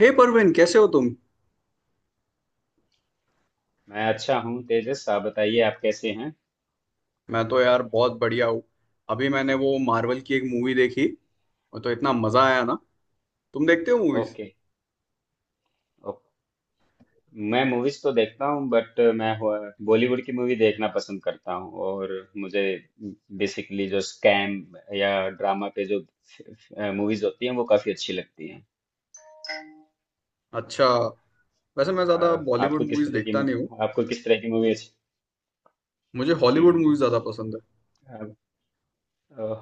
हे परवीन, कैसे हो तुम? मैं अच्छा हूँ, तेजस। आप बताइए, आप कैसे हैं? मैं तो यार बहुत बढ़िया हूँ। अभी मैंने वो मार्वल की एक मूवी देखी। वो तो इतना मजा आया ना। तुम देखते हो मूवीज? ओके। ओके। मैं मूवीज तो देखता हूँ बट मैं बॉलीवुड की मूवी देखना पसंद करता हूँ और मुझे बेसिकली जो स्कैम या ड्रामा पे जो मूवीज होती हैं वो काफी अच्छी लगती हैं। अच्छा। वैसे मैं अ, ज्यादा बॉलीवुड आपको किस मूवीज तरह की देखता नहीं हूँ। आपको किस तरह की मूवी अच्छी? मुझे हॉलीवुड हम्म, मूवीज ज्यादा पसंद है। आप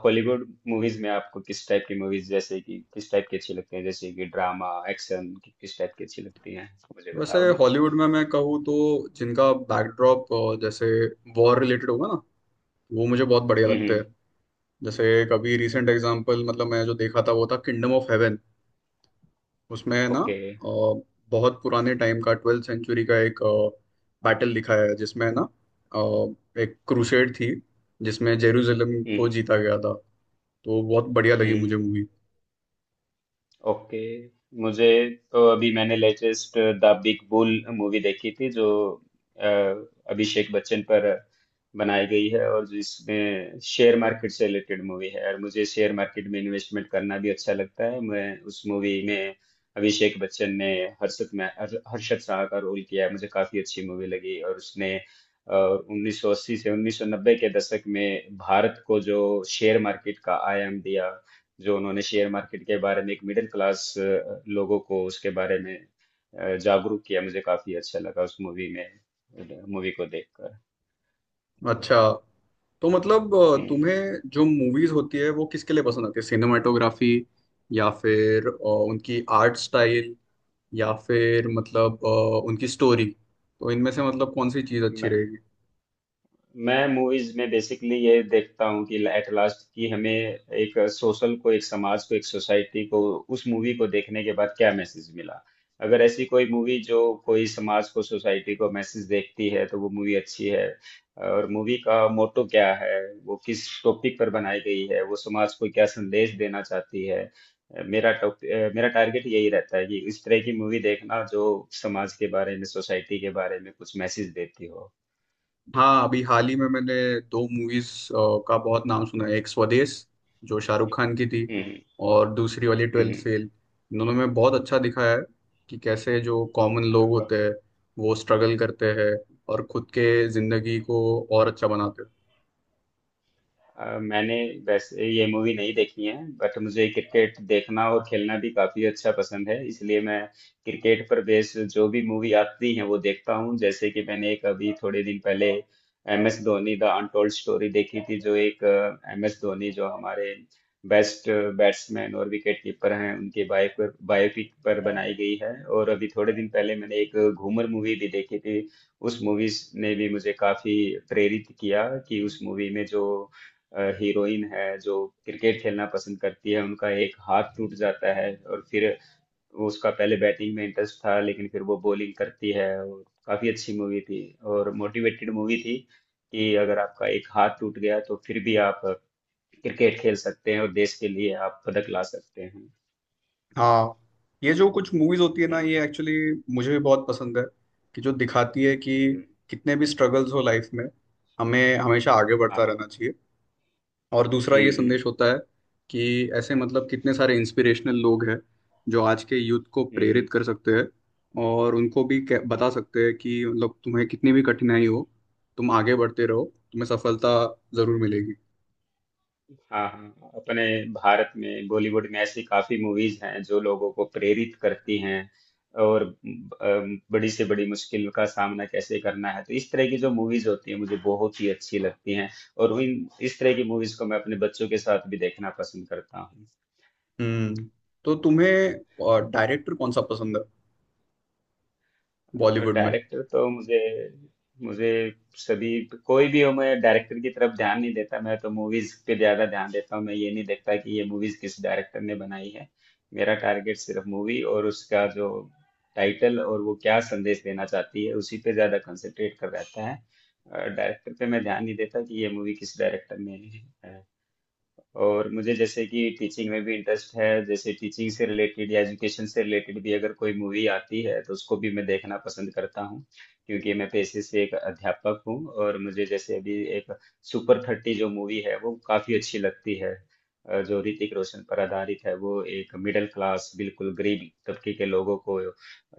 हॉलीवुड मूवीज में आपको किस टाइप की मूवीज, जैसे कि किस टाइप की अच्छी लगती हैं, जैसे कि ड्रामा, एक्शन, किस टाइप की अच्छी लगती हैं? मुझे वैसे बताओगे? हॉलीवुड में मैं कहूँ तो जिनका बैकड्रॉप, जैसे, वॉर रिलेटेड होगा ना, वो मुझे बहुत बढ़िया लगते हम्म। हैं। जैसे एक अभी रिसेंट हम्म। एग्जाम्पल, मतलब मैं जो देखा था वो था किंगडम ऑफ हेवन। उसमें है ना, ओके। बहुत पुराने टाइम का ट्वेल्थ सेंचुरी का एक बैटल दिखाया है, जिसमें है ना, एक क्रूसेड थी जिसमें जेरूसलम को हम्म। जीता गया था। तो बहुत बढ़िया लगी मुझे हम्म। मूवी। ओके। मुझे तो अभी मैंने latest the big bull movie देखी थी, जो अ, अभिषेक बच्चन पर बनाई गई है और जिसमें शेयर मार्केट से रिलेटेड मूवी है, और मुझे शेयर मार्केट में इन्वेस्टमेंट करना भी अच्छा लगता है। मैं उस मूवी में अभिषेक बच्चन ने हर्षद शाह का रोल किया है। मुझे काफी अच्छी मूवी लगी, और उसने और 1980 से 1990 के दशक में भारत को जो शेयर मार्केट का आयाम दिया, जो उन्होंने शेयर मार्केट के बारे में एक मिडिल क्लास लोगों को उसके बारे में जागरूक किया, मुझे काफी अच्छा लगा उस मूवी में, मूवी को देखकर। अच्छा। तो मतलब हम्म। तुम्हें जो मूवीज होती है वो किसके लिए पसंद आती है? सिनेमाटोग्राफी, या फिर उनकी आर्ट स्टाइल, या फिर मतलब उनकी स्टोरी? तो इनमें से मतलब कौन सी चीज़ अच्छी रहेगी? मैं मूवीज में बेसिकली ये देखता हूँ कि एट लास्ट कि हमें एक सोशल को, एक समाज को, एक सोसाइटी को उस मूवी को देखने के बाद क्या मैसेज मिला। अगर ऐसी कोई मूवी जो कोई समाज को, सोसाइटी को मैसेज देखती है, तो वो मूवी अच्छी है, और मूवी का मोटो क्या है, वो किस टॉपिक पर बनाई गई है, वो समाज को क्या संदेश देना चाहती है। मेरा टारगेट यही रहता है कि इस तरह की मूवी देखना, जो समाज के बारे में, सोसाइटी के बारे में कुछ मैसेज देती हो। हाँ, अभी हाल ही में मैंने दो मूवीज का बहुत नाम सुना है। एक स्वदेश, जो शाहरुख खान की थी, हम्म। और दूसरी वाली हम्म। ट्वेल्थ हम्म। फेल। इन्होंने में बहुत अच्छा दिखाया है कि कैसे जो कॉमन लोग Caramba। होते हैं वो स्ट्रगल करते हैं और खुद के जिंदगी को और अच्छा बनाते हैं। मैंने वैसे ये मूवी नहीं देखी है बट मुझे क्रिकेट देखना और खेलना भी काफी अच्छा पसंद है, इसलिए मैं क्रिकेट पर बेस्ड जो भी मूवी आती है वो देखता हूँ। जैसे कि मैंने एक अभी थोड़े दिन पहले M S Dhoni the untold story देखी थी, जो एक एम एस धोनी, जो हमारे बेस्ट बैट्समैन और विकेट कीपर हैं, उनके बायो पर, बायोपिक पर बनाई गई है। और अभी थोड़े दिन पहले मैंने एक घूमर मूवी भी देखी थी। उस मूवी ने भी मुझे काफी प्रेरित किया कि उस मूवी में जो हीरोइन है, जो क्रिकेट खेलना पसंद करती है, उनका एक हाथ टूट जाता है, और फिर वो, उसका पहले बैटिंग में इंटरेस्ट था लेकिन फिर वो बॉलिंग करती है, और काफी अच्छी मूवी थी और मोटिवेटेड मूवी थी कि अगर आपका एक हाथ टूट गया तो फिर भी आप क्रिकेट खेल सकते हैं और देश के लिए आप पदक ला सकते हैं। हाँ, ये जो कुछ मूवीज होती है ना, हम्म। ये एक्चुअली मुझे भी बहुत पसंद है कि जो दिखाती है कि हम्म। कितने भी स्ट्रगल्स हो लाइफ में, हमें हमेशा आगे हाँ, बढ़ता हाँ। रहना चाहिए। और दूसरा ये हम्म। हम्म। संदेश होता है कि ऐसे मतलब कितने सारे इंस्पिरेशनल लोग हैं जो आज के यूथ को हम्म। प्रेरित कर सकते हैं, और उनको भी बता सकते हैं कि मतलब तुम्हें कितनी भी कठिनाई हो, तुम आगे बढ़ते रहो, तुम्हें सफलता जरूर मिलेगी। हाँ, हाँ, अपने भारत में, बॉलीवुड में ऐसी काफी मूवीज हैं जो लोगों को प्रेरित करती हैं, और बड़ी से बड़ी मुश्किल का सामना कैसे करना है, तो इस तरह की जो मूवीज होती है मुझे बहुत ही अच्छी लगती हैं, और इन इस तरह की मूवीज को मैं अपने बच्चों के साथ भी देखना पसंद करता हूँ। हम्म। तो तुम्हें डायरेक्टर कौन सा पसंद है बॉलीवुड में? डायरेक्टर तो मुझे, मुझे सभी, कोई भी हो, मैं डायरेक्टर की तरफ ध्यान नहीं देता, मैं तो मूवीज पे ज्यादा ध्यान देता हूँ। मैं ये नहीं देखता कि ये मूवीज किस डायरेक्टर ने बनाई है। मेरा टारगेट सिर्फ मूवी और उसका जो टाइटल और वो क्या संदेश देना चाहती है उसी पे ज्यादा कंसंट्रेट कर रहता है। डायरेक्टर पे मैं ध्यान नहीं देता कि ये मूवी किस डायरेक्टर ने है। और मुझे जैसे कि टीचिंग में भी इंटरेस्ट है, जैसे टीचिंग से रिलेटेड या एजुकेशन से रिलेटेड भी अगर कोई मूवी आती है तो उसको भी मैं देखना पसंद करता हूँ, क्योंकि मैं पेशे से एक अध्यापक हूँ। और मुझे जैसे अभी एक सुपर थर्टी जो मूवी है वो काफ़ी अच्छी लगती है, जो ऋतिक रोशन पर आधारित है, वो एक मिडिल क्लास, बिल्कुल गरीब तबके के लोगों को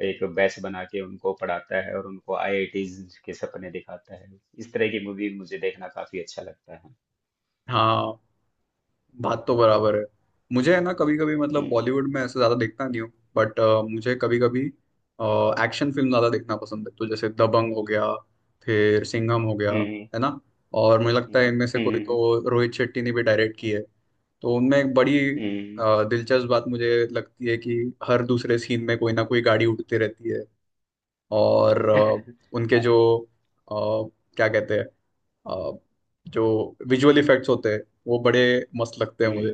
एक बैच बना के उनको पढ़ाता है और उनको आईआईटीज के सपने दिखाता है। इस तरह की मूवी मुझे देखना काफ़ी अच्छा लगता है। हाँ, बात तो बराबर है। मुझे है ना, कभी कभी, मतलब, हम्म। बॉलीवुड में ऐसे ज्यादा देखता नहीं हूँ, बट मुझे कभी कभी एक्शन फिल्म ज्यादा देखना पसंद है, तो जैसे दबंग हो गया, फिर सिंघम हो गया, हम्म। है ना। और मुझे लगता है हम्म। इनमें से कोई हम्म। तो रोहित शेट्टी ने भी डायरेक्ट की है। तो उनमें एक बड़ी हम्म। दिलचस्प बात मुझे लगती है कि हर दूसरे सीन में कोई ना कोई गाड़ी उड़ती रहती है, और उनके जो, हाँ। अ, क्या कहते हैं, अ, जो विजुअल इफेक्ट्स होते हैं वो बड़े मस्त लगते हैं मुझे। हम्म।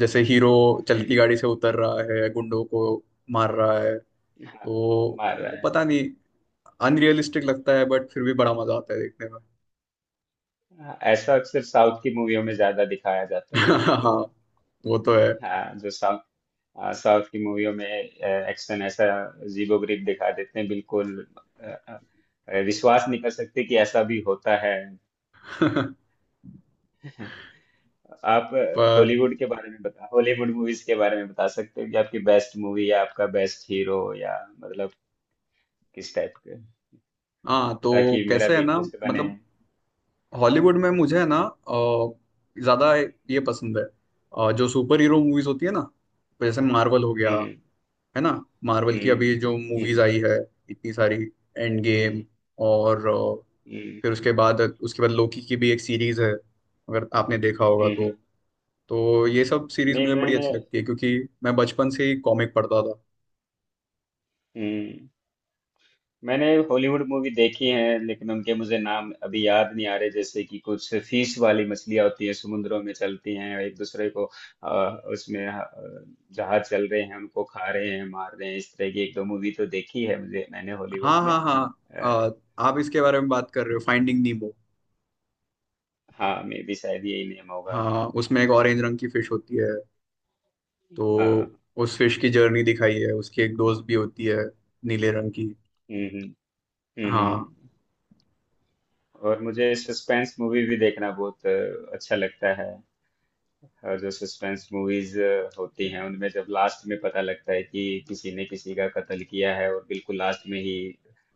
जैसे हीरो चलती हम्म। गाड़ी से उतर रहा है, गुंडों को मार रहा है, हाँ। तो मार रहा वो है। पता नहीं अनरियलिस्टिक लगता है, बट फिर भी बड़ा मजा आता है देखने में। हाँ, ऐसा अक्सर साउथ की मूवियों में ज्यादा दिखाया जाता है, हाँ, जो। वो तो है। हाँ जो साउथ हाँ, साउथ की मूवियों में एक्शन ऐसा जीबो ग्रिप दिखा देते हैं बिल्कुल। अ, विश्वास नहीं कर सकते कि ऐसा भी होता है। आप पर हॉलीवुड के बारे में बता हॉलीवुड मूवीज के बारे में बता सकते हो कि आपकी बेस्ट मूवी या आपका बेस्ट हीरो या मतलब किस टाइप के, हाँ, तो ताकि मेरा कैसे है भी ना, इंटरेस्ट बने। मतलब, हॉलीवुड में मुझे है ना अ, ज्यादा ये पसंद है। जो सुपर हीरो मूवीज होती है ना, जैसे मार्वल हो गया, हम्म। हम्म। है ना। मार्वल की अभी हम्म। जो मूवीज हम्म। आई है, इतनी सारी, एंड गेम, हम्म। और फिर उसके बाद लोकी की भी एक सीरीज है, अगर आपने देखा होगा हम्म। तो। हम्म। तो ये सब सीरीज नहीं, मुझे बड़ी मैंने अच्छी लगती है, क्योंकि मैं बचपन से ही कॉमिक पढ़ता था। हम्म, मैंने हॉलीवुड मूवी देखी है लेकिन उनके मुझे नाम अभी याद नहीं आ रहे। जैसे कि कुछ फीस वाली मछलियां होती हैं, समुद्रों में चलती हैं, एक दूसरे को आ, उसमें जहाज चल रहे हैं, उनको खा रहे हैं, मार रहे हैं। इस तरह की एक दो मूवी तो देखी है मुझे, मैंने हॉलीवुड हाँ में। हाँ हाँ, आप इसके लेकिन बारे में बात कर रहे हो, फाइंडिंग नीमो। हाँ, मे भी शायद यही नेम होगा। हाँ, उसमें हाँ। एक ऑरेंज रंग की फिश होती है। हाँ। तो उस फिश की जर्नी दिखाई है, उसकी एक दोस्त भी होती है, नीले रंग की। हम्म। हम्म। हाँ। हम्म। और मुझे सस्पेंस मूवी भी देखना बहुत अच्छा लगता है। और जो सस्पेंस मूवीज होती हैं, उनमें जब लास्ट में पता लगता है कि किसी ने किसी का कत्ल किया है और बिल्कुल लास्ट में ही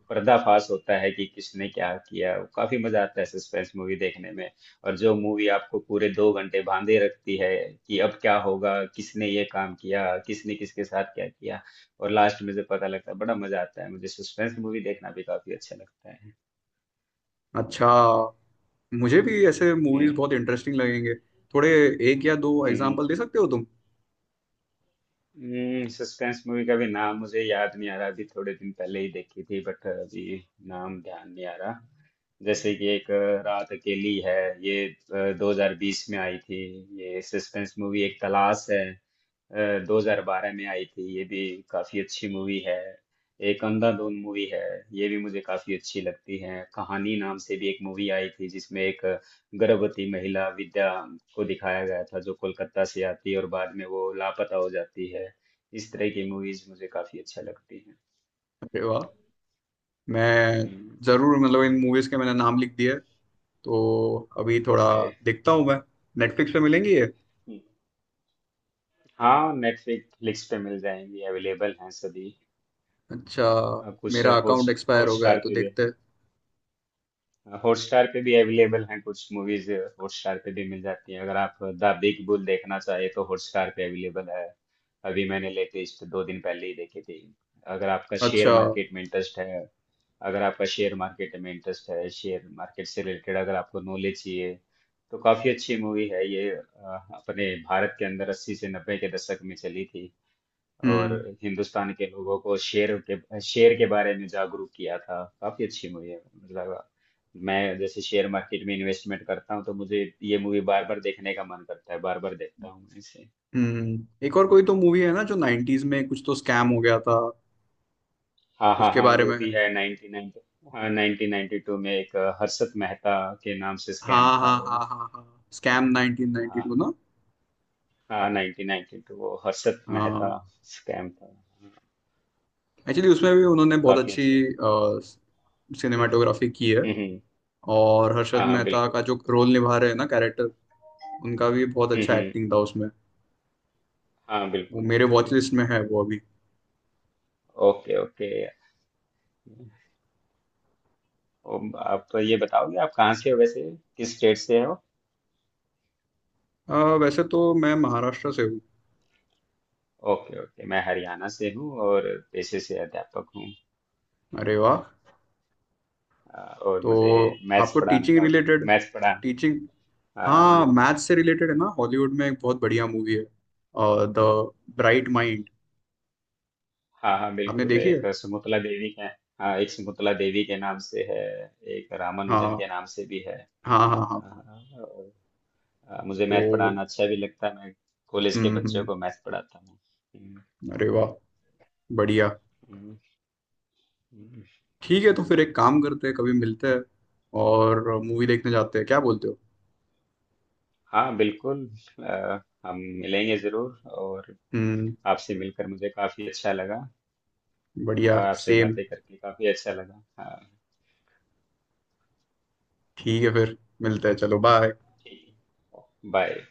पर्दाफाश होता है कि किसने क्या किया, वो काफी मजा आता है सस्पेंस मूवी देखने में। और जो मूवी आपको पूरे 2 घंटे बांधे रखती है कि अब क्या होगा, किसने ये काम किया, किसने किसके साथ क्या किया, और लास्ट में जब पता लगता है, बड़ा मजा आता है। मुझे सस्पेंस मूवी देखना भी काफी अच्छा लगता है। अच्छा, मुझे भी ऐसे मूवीज हम्म। बहुत इंटरेस्टिंग लगेंगे। थोड़े एक या दो हम्म। एग्जांपल दे सकते हो तुम? सस्पेंस मूवी का भी नाम मुझे याद नहीं आ रहा। अभी थोड़े दिन पहले ही देखी थी बट अभी नाम ध्यान नहीं आ रहा। जैसे कि एक रात अकेली है, ये 2020 में आई थी। ये सस्पेंस मूवी। एक तलाश है, अ, 2012 में आई थी, ये भी काफी अच्छी मूवी है। एक अंधाधुन मूवी है, ये भी मुझे काफी अच्छी लगती है। कहानी नाम से भी एक मूवी आई थी, जिसमें एक गर्भवती महिला विद्या को दिखाया गया था, जो कोलकाता से आती है और बाद में वो लापता हो जाती है। इस तरह की मूवीज मुझे काफी अच्छा लगती है। अरे वाह, मैं हम्म। जरूर, मतलब, इन मूवीज के मैंने नाम लिख दिए, तो अभी थोड़ा ओके। देखता हूँ मैं। नेटफ्लिक्स पे मिलेंगी ये? हम्म। हाँ, नेटफ्लिक्स पे मिल जाएंगी, अवेलेबल हैं सभी। अच्छा। अ, कुछ मेरा हॉट अकाउंट एक्सपायर हो गया है, हॉटस्टार तो पे, देखते हैं। हॉटस्टार पे भी अवेलेबल हैं कुछ मूवीज। हॉटस्टार पे भी मिल जाती हैं। अगर आप द बिग बुल देखना चाहे तो हॉटस्टार पे अवेलेबल है। अभी मैंने लेटेस्ट दो दिन पहले ही देखी थी। अगर आपका शेयर अच्छा। मार्केट में इंटरेस्ट है, अगर आपका शेयर मार्केट में इंटरेस्ट है, शेयर मार्केट से रिलेटेड अगर आपको नॉलेज चाहिए, तो काफी अच्छी मूवी है ये। अपने भारत के अंदर 80 से 90 के दशक में चली थी, और हम्म हिंदुस्तान के लोगों को शेर के बारे में जागरूक किया था। काफी अच्छी मूवी है, मतलब मैं जैसे शेयर मार्केट में इन्वेस्टमेंट करता हूँ तो मुझे ये मूवी बार बार देखने का मन करता है, बार बार देखता हूँ मैं इसे। हम्म, एक और कोई तो मूवी है ना जो 90s में कुछ तो स्कैम हो गया था, हाँ, हाँ, उसके हाँ, बारे वो में भी है? है 1990। हाँ, 1992 में एक हर्षद मेहता के नाम से स्कैम हाँ था हाँ वो। हाँ हाँ हाँ, स्कैम 1992 हाँ। ना। हाँ, 1992, वो हर्षद मेहता हाँ, स्कैम था। हाँ, एक्चुअली उसमें भी उन्होंने बहुत काफी अच्छी अच्छे। हम्म। सिनेमाटोग्राफी की है। हम्म। और हर्षद हाँ, हाँ, मेहता का बिल्कुल। जो रोल निभा रहे हैं ना, कैरेक्टर, उनका भी बहुत हम्म। अच्छा हम्म। एक्टिंग था उसमें। हाँ, वो बिल्कुल, मेरे वॉच बिल्कुल। लिस्ट में है वो अभी। ओके। ओके। आप तो ये बताओगे, आप कहाँ से हो वैसे, किस स्टेट से हो? अ, वैसे तो मैं महाराष्ट्र से हूँ। ओके। ओके। मैं हरियाणा से हूँ और पेशे से अध्यापक हूँ। अरे वाह। और मुझे तो मैथ्स आपको पढ़ाना टीचिंग काफी, रिलेटेड, मैथ्स पढ़ाना। टीचिंग, हाँ, मुझे। हाँ मैथ्स से रिलेटेड है ना, हॉलीवुड में एक बहुत बढ़िया मूवी है, द ब्राइट माइंड। हाँ, हाँ, आपने बिल्कुल, देखी है? एक सुमुतला देवी के। हाँ, एक सुमुतला देवी के नाम से है। एक रामानुजन हाँ के नाम से भी है। हाँ हाँ हाँ। हाँ, और मुझे तो मैथ पढ़ाना अच्छा भी लगता है। मैं कॉलेज के हम्म बच्चों हम्म, को मैथ पढ़ाता हूँ। हम्म। अरे वाह, बढ़िया। हम्म। हम्म। ठीक है, तो फिर एक काम करते हैं, कभी मिलते हैं और मूवी देखने जाते हैं, क्या बोलते हो? हाँ, बिल्कुल। अ, हम मिलेंगे ज़रूर और हम्म। आपसे मिलकर मुझे काफ़ी अच्छा लगा। बढ़िया, आपसे सेम। बातें करके काफ़ी अच्छा लगा। हाँ। ठीक है, फिर मिलते हैं, चलो बाय। ठीक है। बाय।